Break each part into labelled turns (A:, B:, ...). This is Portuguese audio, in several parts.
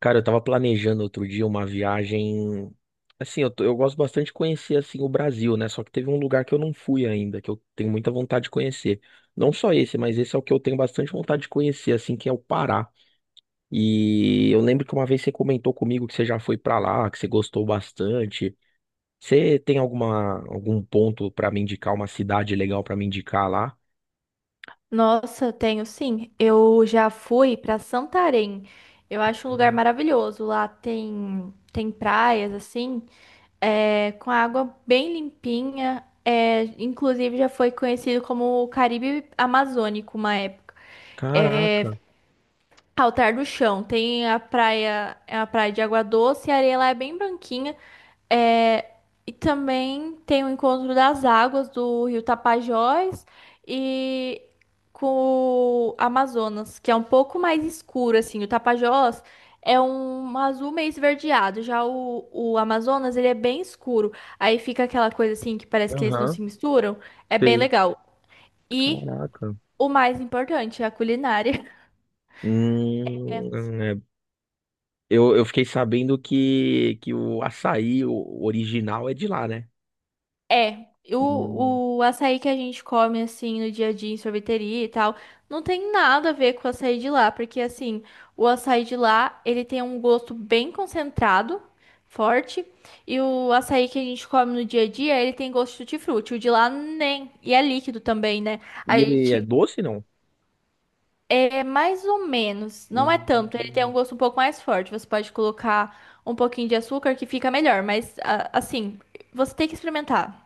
A: Cara, eu tava planejando outro dia uma viagem. Assim, eu gosto bastante de conhecer assim o Brasil, né? Só que teve um lugar que eu não fui ainda, que eu tenho muita vontade de conhecer. Não só esse, mas esse é o que eu tenho bastante vontade de conhecer, assim, que é o Pará. E eu lembro que uma vez você comentou comigo que você já foi pra lá, que você gostou bastante. Você tem algum ponto pra me indicar, uma cidade legal pra me indicar lá?
B: Nossa, tenho sim. Eu já fui para Santarém. Eu acho um lugar maravilhoso. Lá tem praias assim, é, com água bem limpinha. É, inclusive já foi conhecido como o Caribe Amazônico uma época. É,
A: Caraca,
B: Altar do Chão. Tem a praia, é a praia de água doce, a areia lá é bem branquinha. É, e também tem o encontro das águas do Rio Tapajós e com o Amazonas, que é um pouco mais escuro, assim. O Tapajós é um azul meio esverdeado, já o Amazonas, ele é bem escuro. Aí fica aquela coisa, assim, que parece que eles não
A: aham,
B: se misturam. É bem
A: sei.
B: legal. E
A: Caraca.
B: o mais importante, a culinária.
A: Hum, é, Eu fiquei sabendo que, o açaí o original é de lá, né?
B: É,
A: Hum.
B: o açaí que a gente come assim no dia a dia em sorveteria e tal, não tem nada a ver com o açaí de lá, porque assim, o açaí de lá, ele tem um gosto bem concentrado, forte, e o açaí que a gente come no dia a dia, ele tem gosto de tutti-frutti, o de lá nem, e é líquido também, né? A
A: E ele é
B: gente
A: doce, não?
B: é mais ou menos, não é tanto, ele tem um
A: Hum.
B: gosto um pouco mais forte, você pode colocar um pouquinho de açúcar que fica melhor, mas assim, você tem que experimentar.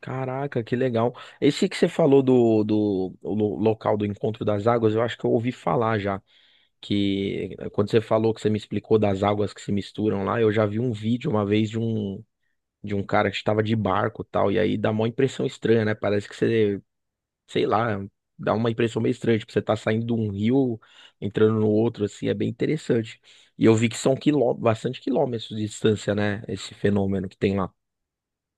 A: Caraca, que legal. Esse que você falou do local do encontro das águas, eu acho que eu ouvi falar já. Que quando você falou que você me explicou das águas que se misturam lá, eu já vi um vídeo uma vez de um cara que estava de barco e tal. E aí dá uma impressão estranha, né? Parece que você, sei lá, dá uma impressão meio estranha, tipo, você tá saindo de um rio, entrando no outro, assim, é bem interessante. E eu vi que são bastante quilômetros de distância, né, esse fenômeno que tem lá.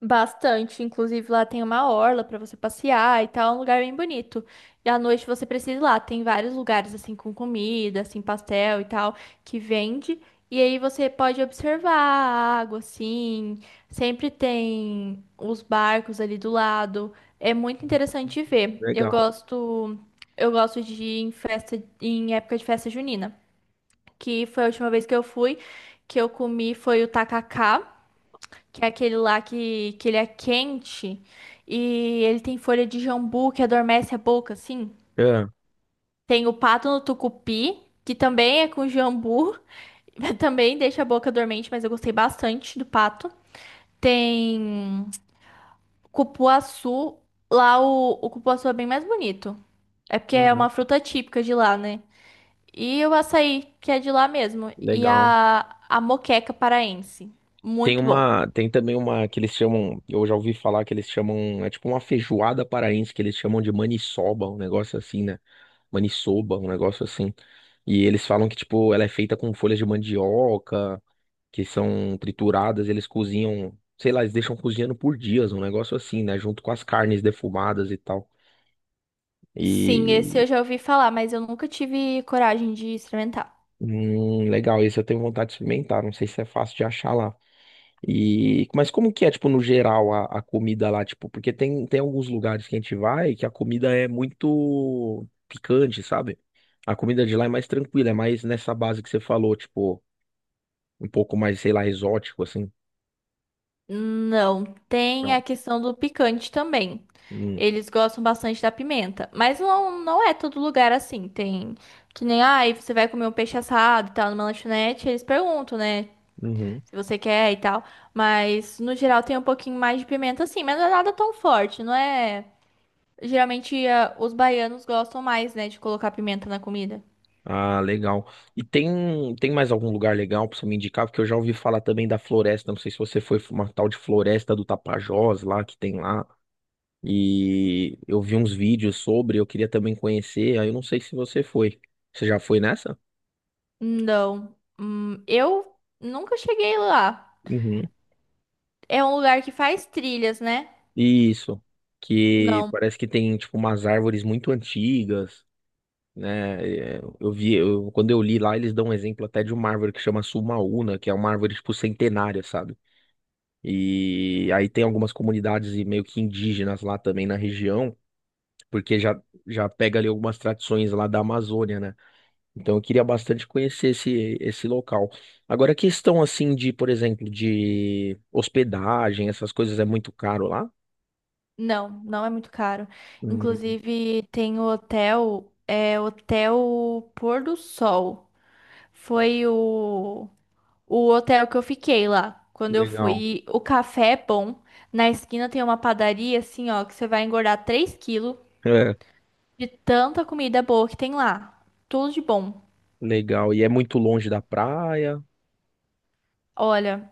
B: Bastante, inclusive lá tem uma orla pra você passear e tal, é um lugar bem bonito. E à noite você precisa ir lá, tem vários lugares assim com comida, assim pastel e tal, que vende. E aí você pode observar a água assim, sempre tem os barcos ali do lado. É muito interessante de ver.
A: Legal.
B: Eu gosto de ir em festa, em época de festa junina, que foi a última vez que eu fui, que eu comi foi o tacacá que é aquele lá que ele é quente e ele tem folha de jambu que adormece a boca, assim.
A: É,
B: Tem o pato no tucupi, que também é com jambu, também deixa a boca dormente, mas eu gostei bastante do pato. Tem cupuaçu, lá o cupuaçu é bem mais bonito. É porque é
A: uhum,
B: uma fruta típica de lá, né? E o açaí, que é de lá mesmo. E
A: legal.
B: a moqueca paraense.
A: Tem
B: Muito bom.
A: uma, tem também uma que eles chamam, eu já ouvi falar que eles chamam, é tipo uma feijoada paraense que eles chamam de maniçoba, um negócio assim, né? Maniçoba, um negócio assim. E eles falam que, tipo, ela é feita com folhas de mandioca, que são trituradas, eles cozinham, sei lá, eles deixam cozinhando por dias, um negócio assim, né? Junto com as carnes defumadas e tal.
B: Sim, esse
A: E
B: eu já ouvi falar, mas eu nunca tive coragem de experimentar.
A: legal, esse eu tenho vontade de experimentar. Não sei se é fácil de achar lá. E mas como que é, tipo, no geral a comida lá, tipo, porque tem alguns lugares que a gente vai que a comida é muito picante, sabe? A comida de lá é mais tranquila, é mais nessa base que você falou, tipo, um pouco mais, sei lá, exótico assim.
B: Não, tem
A: Não.
B: a questão do picante também.
A: Hum,
B: Eles gostam bastante da pimenta, mas não, não é todo lugar assim. Tem que nem, ai, você vai comer um peixe assado e tal numa lanchonete, eles perguntam, né,
A: uhum.
B: se você quer e tal. Mas no geral tem um pouquinho mais de pimenta assim, mas não é nada tão forte, não é? Geralmente os baianos gostam mais, né, de colocar pimenta na comida.
A: Ah, legal. E tem mais algum lugar legal pra você me indicar? Porque eu já ouvi falar também da floresta. Não sei se você foi uma tal de floresta do Tapajós lá que tem lá. E eu vi uns vídeos sobre, eu queria também conhecer. Aí eu não sei se você foi. Você já foi nessa?
B: Não. Eu nunca cheguei lá.
A: Uhum.
B: É um lugar que faz trilhas, né?
A: Isso. Que
B: Não,
A: parece que tem tipo umas árvores muito antigas, né? Eu vi, quando eu li lá, eles dão um exemplo até de uma árvore que chama Sumaúna, que é uma árvore tipo centenária, sabe? E aí tem algumas comunidades e meio que indígenas lá também na região, porque já pega ali algumas tradições lá da Amazônia, né? Então eu queria bastante conhecer esse local. Agora, a questão assim de, por exemplo, de hospedagem, essas coisas é muito caro lá?
B: não, não é muito caro.
A: Hum,
B: Inclusive, tem o hotel, é Hotel Pôr do Sol. Foi o hotel que eu fiquei lá quando eu fui.
A: legal.
B: E o café é bom. Na esquina tem uma padaria, assim, ó, que você vai engordar 3 quilos
A: É,
B: de tanta comida boa que tem lá. Tudo de bom.
A: legal. E é muito longe da praia.
B: Olha,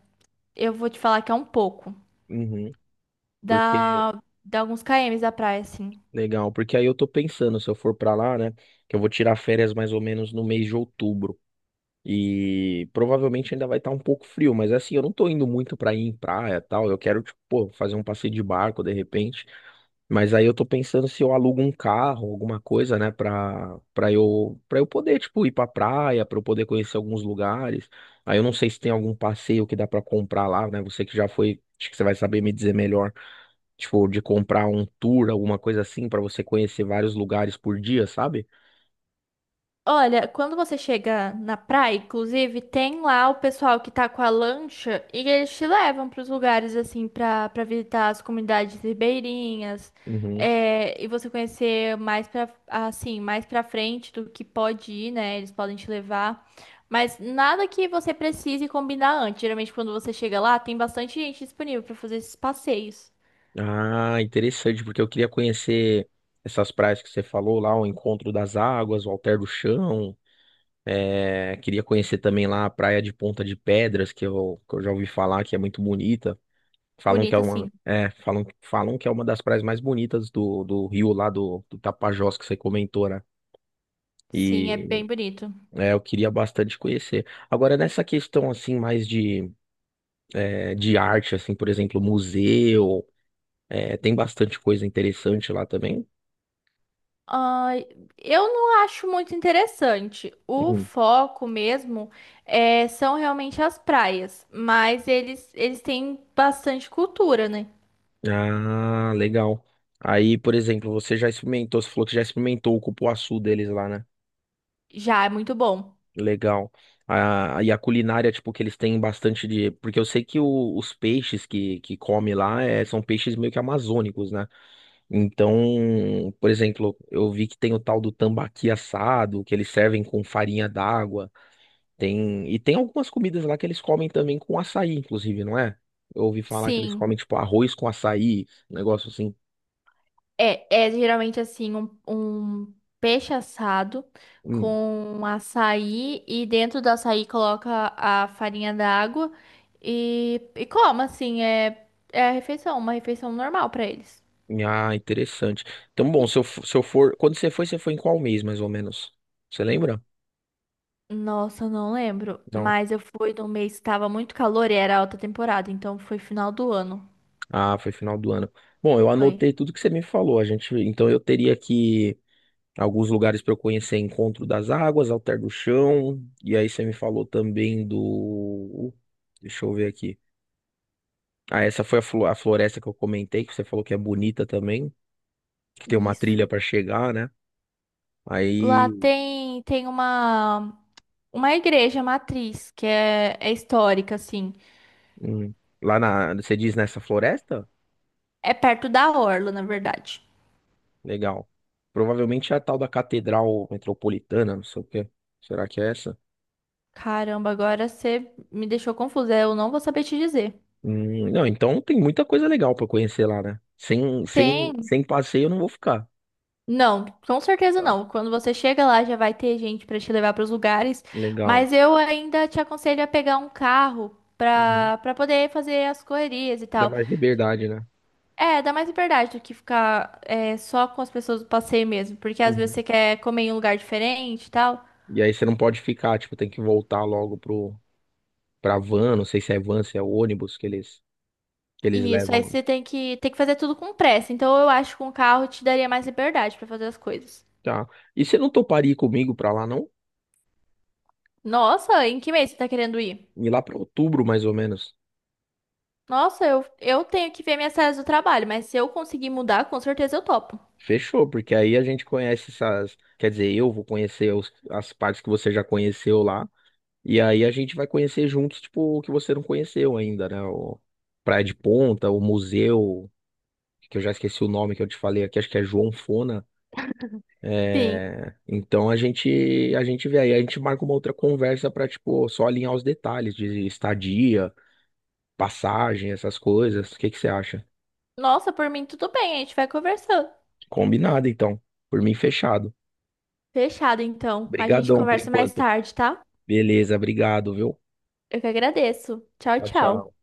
B: eu vou te falar que é um pouco.
A: Uhum. Porque,
B: Dá, dá alguns kms da praia, assim.
A: legal, porque aí eu tô pensando, se eu for pra lá, né, que eu vou tirar férias mais ou menos no mês de outubro. E provavelmente ainda vai estar um pouco frio, mas assim, eu não tô indo muito pra ir em praia e tal. Eu quero, tipo, pô, fazer um passeio de barco de repente. Mas aí eu tô pensando se eu alugo um carro, alguma coisa, né, pra eu poder, tipo, ir pra praia, pra eu poder conhecer alguns lugares. Aí eu não sei se tem algum passeio que dá pra comprar lá, né? Você que já foi, acho que você vai saber me dizer melhor, tipo, de comprar um tour, alguma coisa assim, pra você conhecer vários lugares por dia, sabe?
B: Olha, quando você chega na praia, inclusive, tem lá o pessoal que tá com a lancha e eles te levam pros lugares, assim, pra visitar as comunidades ribeirinhas.
A: Uhum.
B: É, e você conhecer mais pra, assim, mais pra frente do que pode ir, né? Eles podem te levar. Mas nada que você precise combinar antes. Geralmente, quando você chega lá, tem bastante gente disponível pra fazer esses passeios.
A: Ah, interessante, porque eu queria conhecer essas praias que você falou lá, o Encontro das Águas, o Alter do Chão. É, queria conhecer também lá a Praia de Ponta de Pedras, que eu já ouvi falar que é muito bonita. Falam que é
B: Bonito,
A: uma,
B: assim.
A: é, falam que é uma das praias mais bonitas do rio lá do Tapajós que você comentou, né?
B: Sim, é bem
A: E
B: bonito.
A: é, eu queria bastante conhecer. Agora, nessa questão assim, mais é, de arte, assim, por exemplo, museu, é, tem bastante coisa interessante lá também.
B: Ah, eu não acho muito interessante. O foco mesmo é, são realmente as praias, mas eles têm bastante cultura, né?
A: Ah, legal. Aí, por exemplo, você já experimentou, você falou que já experimentou o cupuaçu deles lá, né?
B: Já é muito bom.
A: Legal. Ah, e a culinária, tipo, que eles têm bastante de. Porque eu sei que os peixes que come lá é, são peixes meio que amazônicos, né? Então, por exemplo, eu vi que tem o tal do tambaqui assado, que eles servem com farinha d'água. Tem... E tem algumas comidas lá que eles comem também com açaí, inclusive, não é? Eu ouvi falar que eles
B: Sim,
A: comem, tipo, arroz com açaí, um negócio assim.
B: é, é geralmente assim um peixe assado com açaí e dentro do açaí coloca a farinha d'água e como assim é a refeição, uma refeição normal para eles.
A: Ah, interessante. Então, bom, se eu for, quando você foi em qual mês, mais ou menos? Você lembra?
B: Nossa, eu não lembro.
A: Não.
B: Mas eu fui num mês que tava muito calor e era alta temporada, então foi final do ano.
A: Ah, foi final do ano. Bom, eu
B: Foi.
A: anotei tudo que você me falou. A gente, então eu teria aqui alguns lugares para eu conhecer: Encontro das Águas, Alter do Chão, e aí você me falou também do. Deixa eu ver aqui. Ah, essa foi a floresta que eu comentei, que você falou que é bonita também, que tem uma
B: Isso.
A: trilha para chegar, né?
B: Lá
A: Aí,
B: tem uma igreja matriz que é histórica, assim.
A: hum, lá na, você diz nessa floresta?
B: É perto da orla, na verdade.
A: Legal. Provavelmente é a tal da Catedral Metropolitana, não sei o quê. Será que é essa?
B: Caramba, agora você me deixou confusa. Eu não vou saber te dizer.
A: Não, então tem muita coisa legal pra conhecer lá, né?
B: Tem.
A: Sem passeio eu não vou ficar.
B: Não, com certeza
A: Tá.
B: não. Quando você chega lá, já vai ter gente para te levar para os lugares,
A: Legal.
B: mas eu ainda te aconselho a pegar um carro
A: Uhum.
B: para poder fazer as correrias e
A: Dá
B: tal.
A: mais liberdade, né?
B: É, dá mais liberdade do que ficar é, só com as pessoas do passeio mesmo, porque às vezes
A: Uhum.
B: você quer comer em um lugar diferente e tal.
A: E aí você não pode ficar, tipo, tem que voltar logo pra van, não sei se é van, se é ônibus que eles
B: E isso
A: levam
B: aí
A: lá.
B: você tem que fazer tudo com pressa. Então eu acho que com o carro te daria mais liberdade para fazer as coisas.
A: Tá. E você não toparia ir comigo pra lá, não?
B: Nossa, em que mês você tá querendo ir?
A: Ir lá pra outubro, mais ou menos.
B: Nossa, eu tenho que ver minhas séries do trabalho, mas se eu conseguir mudar, com certeza eu topo.
A: Fechou, porque aí a gente conhece essas. Quer dizer, eu vou conhecer as partes que você já conheceu lá. E aí a gente vai conhecer juntos, tipo, o que você não conheceu ainda, né? O Praia de Ponta, o museu, que eu já esqueci o nome que eu te falei aqui, acho que é João Fona.
B: Sim.
A: É, então a gente vê aí, a gente marca uma outra conversa pra, tipo, só alinhar os detalhes de estadia, passagem, essas coisas. O que que você acha?
B: Nossa, por mim tudo bem, a gente vai conversando.
A: Combinado, então. Por mim, fechado.
B: Fechado, então. A gente
A: Obrigadão por
B: conversa mais
A: enquanto.
B: tarde, tá?
A: Beleza, obrigado, viu?
B: Eu que agradeço. Tchau,
A: Tchau,
B: tchau.
A: tchau.